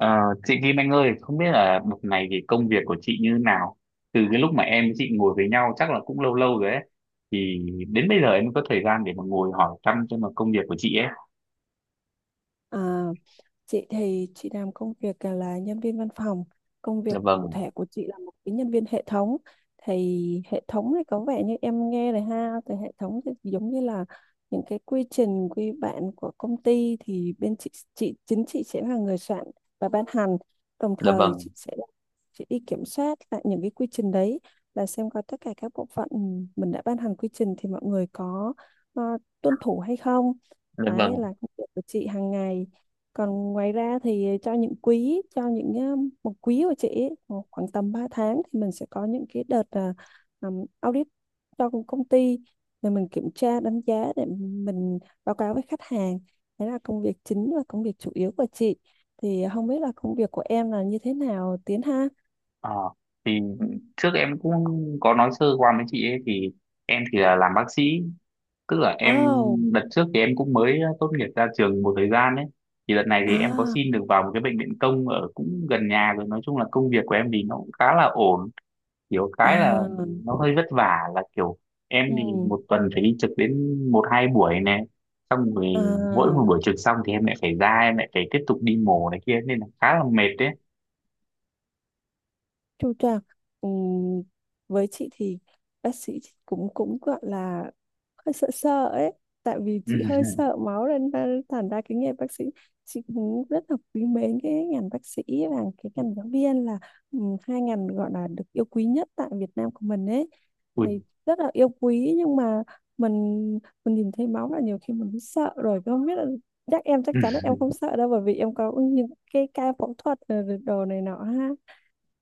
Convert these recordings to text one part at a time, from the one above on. Ờ, chị Kim Anh ơi, không biết là một ngày thì công việc của chị như nào? Từ cái lúc mà em với chị ngồi với nhau chắc là cũng lâu lâu rồi ấy. Thì đến bây giờ em mới có thời gian để mà ngồi hỏi thăm xem là công việc của chị ấy. À, chị thì chị làm công việc là nhân viên văn phòng. Công Dạ việc cụ vâng, thể của chị là một cái nhân viên hệ thống. Thì hệ thống thì có vẻ như em nghe này ha, thì hệ thống thì giống như là những cái quy trình quy bản của công ty thì bên chị chính chị sẽ là người soạn và ban hành. Đồng dạ thời vâng, chị sẽ đi kiểm soát lại những cái quy trình đấy, là xem coi tất cả các bộ phận mình đã ban hành quy trình thì mọi người có ờ, tuân thủ hay không. dạ vâng. Đấy là công việc của chị hàng ngày. Còn ngoài ra thì cho những quý, cho những một quý của chị ấy, khoảng khoảng tầm 3 tháng thì mình sẽ có những cái đợt audit cho công công ty, để mình kiểm tra đánh giá, để mình báo cáo với khách hàng. Đấy là công việc chính và công việc chủ yếu của chị. Thì không biết là công việc của em là như thế nào, Tiến ha? Ờ, thì trước em cũng có nói sơ qua với chị ấy thì em thì là làm bác sĩ. Tức là em Oh. đợt trước thì em cũng mới tốt nghiệp ra trường một thời gian ấy. Thì đợt này thì em có À. xin được vào một cái bệnh viện công ở cũng gần nhà rồi. Nói chung là công việc của em thì nó cũng khá là ổn kiểu cái là À. nó hơi vất vả là kiểu em Ừ. thì một tuần phải đi trực đến một hai buổi này xong rồi mỗi À. một buổi trực xong thì em lại phải ra em lại phải tiếp tục đi mổ này kia nên là khá là mệt đấy. Chu toàn. ừm, với chị thì bác sĩ cũng cũng gọi là hơi sợ sợ ấy, tại vì chị hơi sợ máu nên thành ra cái nghề bác sĩ, chị cũng rất là quý mến. Cái ngành bác sĩ và cái ngành giáo viên là hai ngành gọi là được yêu quý nhất tại Việt Nam của mình ấy, thì rất là yêu quý. Nhưng mà mình mình nhìn thấy máu là nhiều khi mình cũng sợ rồi, không biết là. Chắc em, chắc chắn là Ui, em không sợ đâu, bởi vì em có những cái ca phẫu thuật rồi đồ này nọ ha,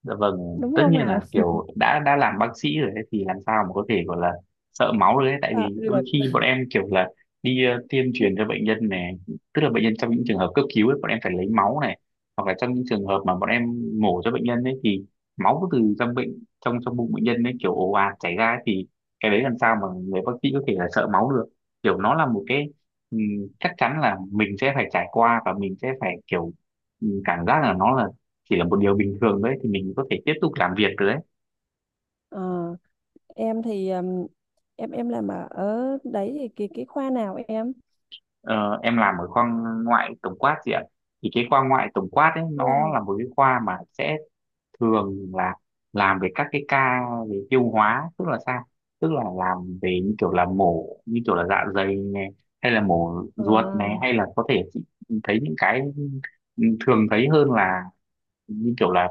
dạ vâng, đúng tất không nhiên là nào? kiểu đã làm bác sĩ rồi ấy, thì làm sao mà có thể gọi là sợ máu được ấy tại Dạ. vì Được. đôi khi bọn em kiểu là đi tiêm truyền cho bệnh nhân này, tức là bệnh nhân trong những trường hợp cấp cứu ấy, bọn em phải lấy máu này hoặc là trong những trường hợp mà bọn em mổ cho bệnh nhân ấy thì máu từ trong bệnh trong trong bụng bệnh nhân ấy kiểu ồ ạt chảy ra ấy, thì cái đấy làm sao mà người bác sĩ có thể là sợ máu được. Kiểu nó là một cái ừm, chắc chắn là mình sẽ phải trải qua và mình sẽ phải kiểu cảm giác là nó là chỉ là một điều bình thường đấy thì mình có thể tiếp tục làm việc được đấy. Ờ, em thì em làm ở ở đấy thì cái khoa nào em? Ờ, em làm ở khoa ngoại tổng quát gì ạ, thì cái khoa ngoại tổng quát ấy nó Wow. là một cái khoa mà sẽ thường là làm về các cái ca về tiêu hóa tức là sao, tức là làm về như kiểu là mổ như kiểu là dạ dày này hay là mổ Ờ. ruột này hay là có thể chị thấy những cái thường thấy hơn là như kiểu là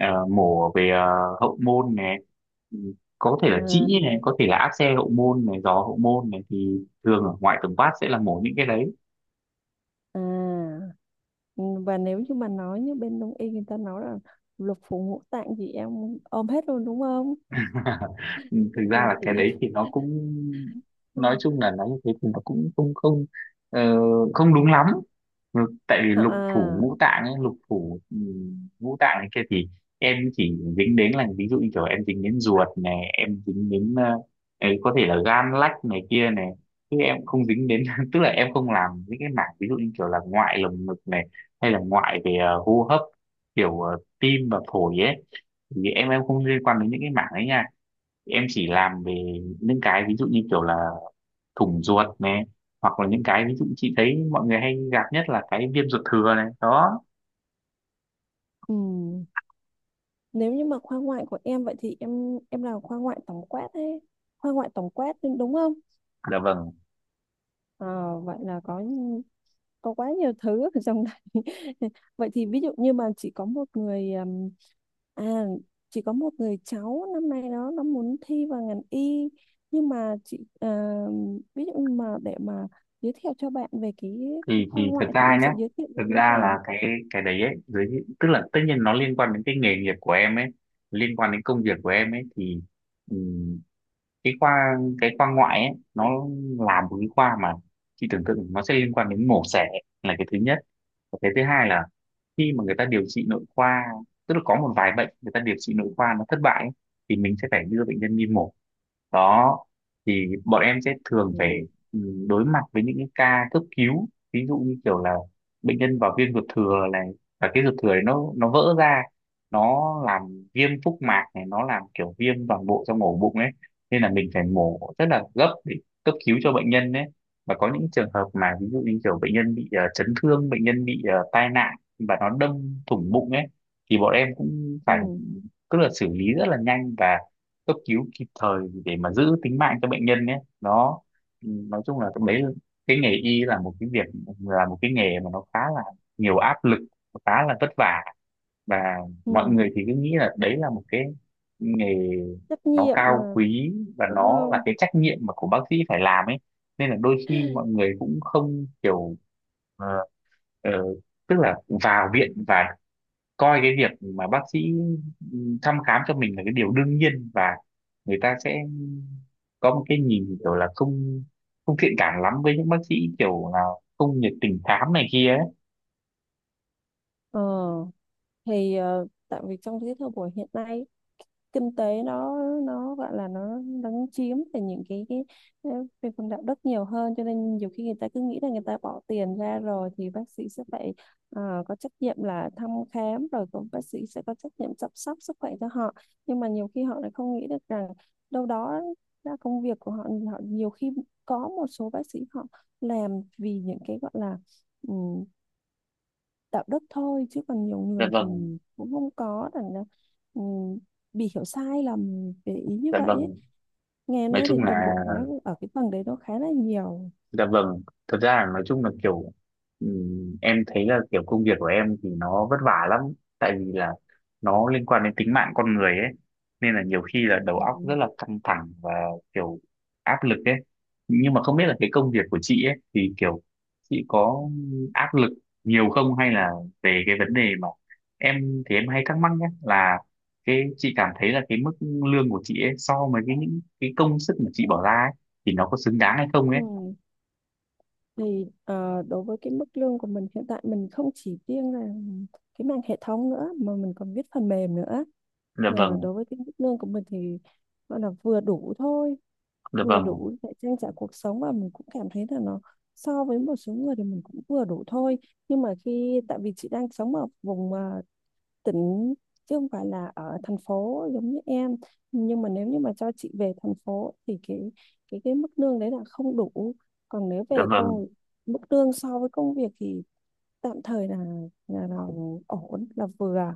mổ về hậu môn này. Ừ, có thể là À, trĩ này có thể là áp xe hậu môn này giò hậu môn này thì thường ở ngoại tổng quát sẽ là mổ những cái đấy. à. Ừ, và nếu như mà nói như bên đông y người ta nói là lục phủ ngũ tạng gì em ôm hết luôn, đúng không? Thực ra là cái Chị đấy thì nó cũng nói ừ. chung là nói như thế thì nó cũng không không ờ, không đúng lắm. Ừ, tại vì À, lục phủ à, ngũ tạng ấy lục phủ ngũ tạng ấy kia thì em chỉ dính đến là ví dụ như kiểu em dính đến ruột này em dính đến ấy có thể là gan lách này kia này chứ em không dính đến tức là em không làm những cái mảng ví dụ như kiểu là ngoại lồng ngực này hay là ngoại về hô hấp kiểu tim và phổi ấy thì em không liên quan đến những cái mảng ấy nha em chỉ làm về những cái ví dụ như kiểu là thủng ruột này hoặc là những cái ví dụ chị thấy mọi người hay gặp nhất là cái viêm ruột thừa này đó. ừ. Nếu như mà khoa ngoại của em vậy thì em làm khoa ngoại tổng quát ấy. Khoa ngoại tổng quát đúng đúng không? Dạ vâng, Ờ, vậy là có quá nhiều thứ ở trong này. Vậy thì ví dụ như mà chỉ có một người, à chỉ có một người cháu năm nay đó nó muốn thi vào ngành y, nhưng mà chị ví dụ như mà để mà giới thiệu cho bạn về cái thì khoa thì thật ngoại thì ra em sẽ nhé, giới thiệu thật như thế ra là nào? Cái đấy ấy dưới tức là tất nhiên nó liên quan đến cái nghề nghiệp của em ấy liên quan đến công việc của em ấy thì ừm, cái khoa cái khoa ngoại ấy nó là một cái khoa mà chị tưởng tượng nó sẽ liên quan đến mổ xẻ là cái thứ nhất, cái thứ hai là khi mà người ta điều trị nội khoa tức là có một vài bệnh người ta điều trị nội khoa nó thất bại ấy, thì mình sẽ phải đưa bệnh nhân đi mổ đó thì bọn em sẽ thường Ừ. phải ừ, đối mặt với những cái ca cấp cứu ví dụ như kiểu là bệnh nhân vào viêm ruột thừa này và cái ruột thừa này nó vỡ ra nó làm viêm phúc mạc này nó làm kiểu viêm toàn bộ trong ổ bụng ấy nên là mình phải mổ rất là gấp để cấp cứu cho bệnh nhân đấy và có những trường hợp mà ví dụ như kiểu bệnh nhân bị chấn thương bệnh nhân bị tai nạn và nó đâm thủng bụng ấy thì bọn em cũng phải Ừ. tức là xử lý rất là nhanh và cấp cứu kịp thời để mà giữ tính mạng cho bệnh nhân ấy đó. Ừ, nói chung là cái đấy cái nghề y là một cái việc là một cái nghề mà nó khá là nhiều áp lực nó khá là vất vả và mọi ừ, người thì cứ nghĩ là đấy là một cái nghề trách nó nhiệm cao mà, quý và đúng nó là không? cái trách nhiệm mà của bác sĩ phải làm ấy nên là đôi khi mọi người cũng không kiểu ờ, ờ, tức là vào viện và coi cái việc mà bác sĩ thăm khám cho mình là cái điều đương nhiên và người ta sẽ có một cái nhìn kiểu là không không thiện cảm lắm với những bác sĩ kiểu là không nhiệt tình khám này kia ấy. Ờ, thì tại vì trong cái thời buổi hiện nay, kinh tế nó, gọi là nó, chiếm về những cái, ờ, về phần đạo đức nhiều hơn, cho nên nhiều khi người ta cứ nghĩ là người ta bỏ tiền ra rồi thì bác sĩ sẽ phải có trách nhiệm là thăm khám, rồi cũng bác sĩ sẽ có trách nhiệm chăm sóc sức khỏe cho họ. Nhưng mà nhiều khi họ lại không nghĩ được rằng đâu đó là công việc của họ. Họ nhiều khi, có một số bác sĩ họ làm vì những cái gọi là ừ, đạo đức thôi, chứ còn nhiều Dạ người vâng, thì cũng không có, rằng là ừ, bị hiểu sai lầm về ý như dạ vậy ấy. vâng. Ngày Nói nay thì chung đồng là bộ hóa ở cái phần đấy nó khá là nhiều. dạ vâng, thật ra là nói chung là kiểu em thấy là kiểu công việc của em thì nó vất vả lắm tại vì là nó liên quan đến tính mạng con người ấy nên là nhiều khi là đầu Ừ. óc rất là căng thẳng và kiểu áp lực ấy nhưng mà không biết là cái công việc của chị ấy thì kiểu chị có áp lực nhiều không hay là về cái vấn đề mà em thì em hay thắc mắc nhé là cái chị cảm thấy là cái mức lương của chị ấy so với cái những cái công sức mà chị bỏ ra ấy, thì nó có xứng đáng hay không Ừ. ấy. Thì đối với cái mức lương của mình hiện tại, mình không chỉ riêng là cái mảng hệ thống nữa mà mình còn viết phần mềm nữa. Dạ Ờ, vâng, đối với cái mức lương của mình thì gọi là vừa đủ thôi, dạ vừa vâng, đủ để trang trải cuộc sống, và mình cũng cảm thấy là nó, so với một số người thì mình cũng vừa đủ thôi. Nhưng mà khi, tại vì chị đang sống ở vùng, tỉnh, chứ không phải là ở thành phố giống như em, nhưng mà nếu như mà cho chị về thành phố thì cái mức lương đấy là không đủ. Còn nếu dạ về vâng, công, mức lương so với công việc thì tạm thời là, là ổn, là vừa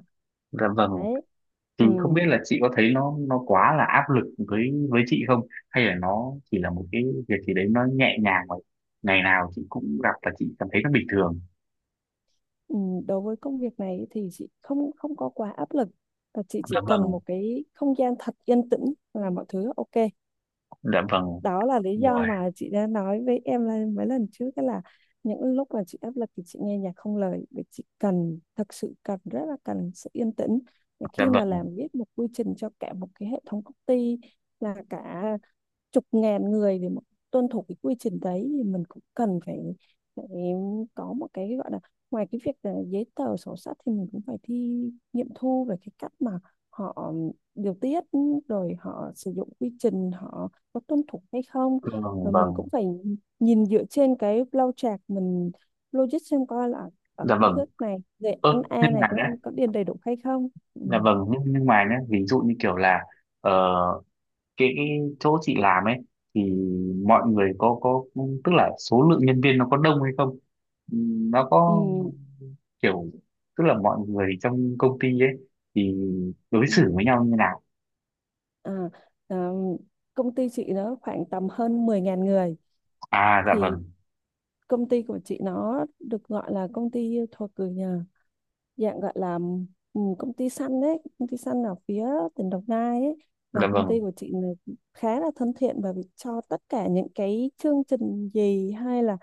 dạ vâng, đấy. thì Ừ. không biết là chị có thấy nó quá là áp lực với chị không hay là nó chỉ là một cái việc gì đấy nó nhẹ nhàng mà ngày nào chị cũng gặp và chị cảm thấy nó bình thường. Ừ. Đối với công việc này thì chị không không có quá áp lực. Và chị chỉ Dạ vâng, cần một cái không gian thật yên tĩnh là mọi thứ ok. dạ vâng, Đó là lý do rồi, mà chị đã nói với em là mấy lần trước đó, là những lúc mà chị áp lực thì chị nghe nhạc không lời, vì chị cần, thật sự rất là cần sự yên tĩnh. Và dạ khi mà vâng, làm, viết một quy trình cho cả một cái hệ thống công ty là cả chục ngàn người để mà tuân thủ cái quy trình đấy, thì mình cũng cần phải có một cái gọi là, ngoài cái việc là giấy tờ sổ sách thì mình cũng phải thi, nghiệm thu về cái cách mà họ điều tiết, rồi họ sử dụng quy trình họ có tuân thủ hay không. vâng Rồi mình vâng, cũng phải nhìn dựa trên cái flow chart, mình logic xem coi là ở dạ cái vâng, bước này về ơ ăn nhưng A này mà nhé, có điền đầy đủ hay không. Ừ. dạ vâng nhưng mà nhé ví dụ như kiểu là ờ, cái chỗ chị làm ấy thì mọi người có tức là số lượng nhân viên nó có đông hay không. Ừ, nó Ừ. có kiểu tức là mọi người trong công ty ấy thì đối xử Ừ. với nhau như nào. À, à, công ty chị nó khoảng tầm hơn mười 000 người. À, dạ Thì vâng, công ty của chị nó được gọi là công ty thuộc dạng gọi là, công ty săn đấy, công ty săn ở phía tỉnh Đồng Nai ấy. dạ Và công vâng, ty của chị là khá là thân thiện, và cho tất cả những cái chương trình gì, hay là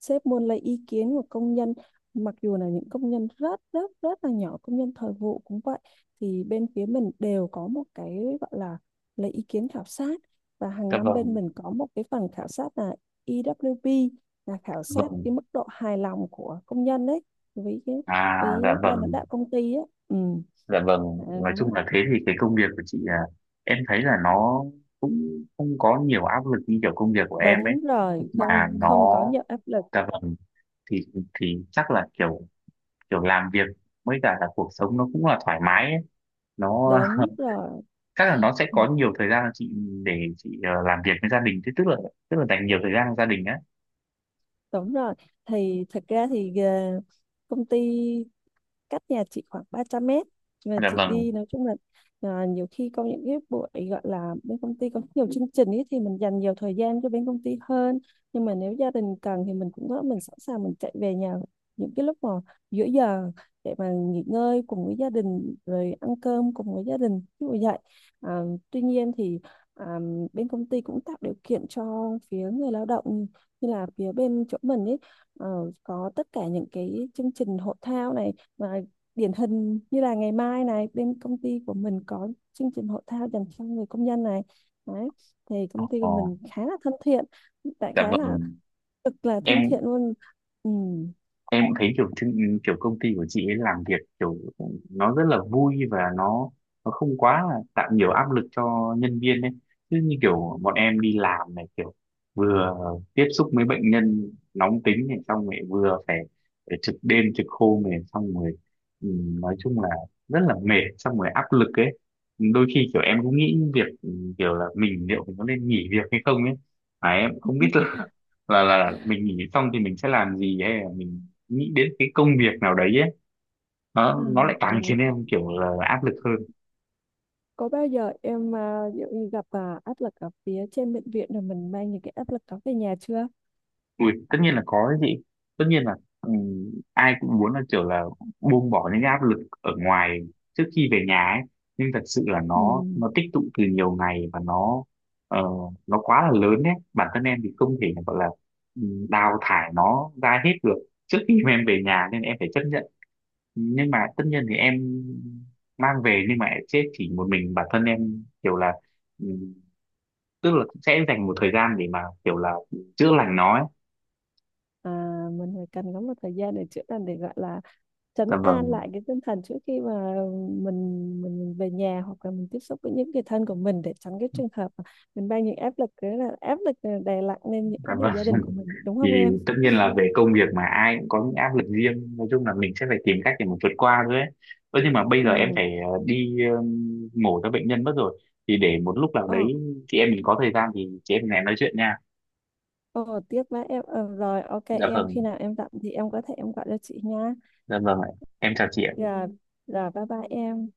sếp muốn lấy ý kiến của công nhân, mặc dù là những công nhân rất rất rất là nhỏ, công nhân thời vụ cũng vậy, thì bên phía mình đều có một cái gọi là lấy ý kiến khảo sát. Và hàng dạ năm bên vâng, mình có một cái phần khảo sát là EWP, là khảo dạ sát vâng, cái mức độ hài lòng của công nhân đấy, với cái, à với dạ ban lãnh vâng, đạo công ty á. Ừ. dạ vâng, nói Đó. chung là thế thì cái công việc của chị em thấy là nó cũng không có nhiều áp lực như kiểu công việc của em ấy Đúng rồi, mà không không nó có nhiều áp lực. dạ vâng thì thì chắc là kiểu kiểu làm việc với cả là cuộc sống nó cũng là thoải mái ấy. Nó Đúng rồi. chắc là nó sẽ Ừ, có nhiều thời gian chị để chị làm việc với gia đình thế tức là dành nhiều thời gian cho gia đình á. đúng rồi. Thì thật ra thì công ty cách nhà chị khoảng 300 mét, và Dạ chị vâng. đi, nói chung là nhiều khi có những cái buổi gọi là bên công ty có nhiều chương trình ấy thì mình dành nhiều thời gian cho bên công ty hơn. Nhưng mà nếu gia đình cần thì mình cũng có, mình sẵn sàng mình chạy về nhà những cái lúc mà giữa giờ, để mà nghỉ ngơi cùng với gia đình, rồi ăn cơm cùng với gia đình ví dụ vậy. à, tuy nhiên thì à, bên công ty cũng tạo điều kiện cho phía người lao động, như là phía bên chỗ mình ấy, có tất cả những cái chương trình hội thao này. Và điển hình như là ngày mai này bên công ty của mình có chương trình hội thao dành cho người công nhân này, đấy, thì công ty của Ồ, mình khá là thân thiện, tại dạ khá là, vâng. cực là Em thân thiện luôn. Ừ. em cũng thấy kiểu chương- kiểu công ty của chị ấy làm việc kiểu nó rất là vui và nó không quá là tạo nhiều áp lực cho nhân viên ấy chứ như kiểu bọn em đi làm này kiểu vừa tiếp xúc với bệnh nhân nóng tính này xong rồi vừa phải, phải trực đêm trực hôm này xong rồi ừ, nói chung là rất là mệt xong rồi áp lực ấy đôi khi kiểu em cũng nghĩ việc kiểu là mình liệu mình có nên nghỉ việc hay không ấy mà em cũng không biết là là mình nghỉ xong thì mình sẽ làm gì hay là mình nghĩ đến cái công việc nào đấy ấy, À, nó lại càng khiến em kiểu là áp lực hơn. có bao giờ em ví dụ như gặp áp lực ở phía trên bệnh viện rồi mình mang những cái áp lực đó về nhà chưa? Ui, tất nhiên là có đấy chị, tất nhiên là ừ, ai cũng muốn là kiểu là buông bỏ những cái áp lực ở ngoài trước khi về nhà ấy nhưng thật sự là Ừ. nó tích tụ từ nhiều ngày và nó ờ, nó quá là lớn đấy bản thân em thì không thể gọi là đào thải nó ra hết được trước khi mà em về nhà nên em phải chấp nhận nhưng mà tất nhiên thì em mang về nhưng mà sẽ chỉ một mình bản thân em kiểu là ừ, tức là sẽ dành một thời gian để mà kiểu là chữa lành nó ấy. À, mình phải cần có một thời gian để chữa lành, để gọi là trấn Dạ an vâng, lại cái tinh thần trước khi mà mình về nhà, hoặc là mình tiếp xúc với những người thân của mình, để tránh cái trường hợp mà mình mang những áp lực, cái là áp lực đè nặng lên những dạ người vâng. gia đình của mình, đúng không Thì em? tất nhiên là về công việc mà ai cũng có những áp lực riêng, nói chung là mình sẽ phải tìm cách để mà vượt qua thôi ấy. Ơ nhưng mà bây giờ em Ừ. phải đi mổ cho bệnh nhân mất rồi. Thì để một lúc nào Ờ. đấy chị em mình có thời gian thì chị em mình lại nói chuyện nha. Ờ, tiếp với em. Ờ, rồi, ok Dạ em, vâng, khi nào em rảnh thì em có thể em gọi cho chị nha. dạ vâng ạ. Em chào chị Ừ. ạ. Rồi, rồi, bye bye em.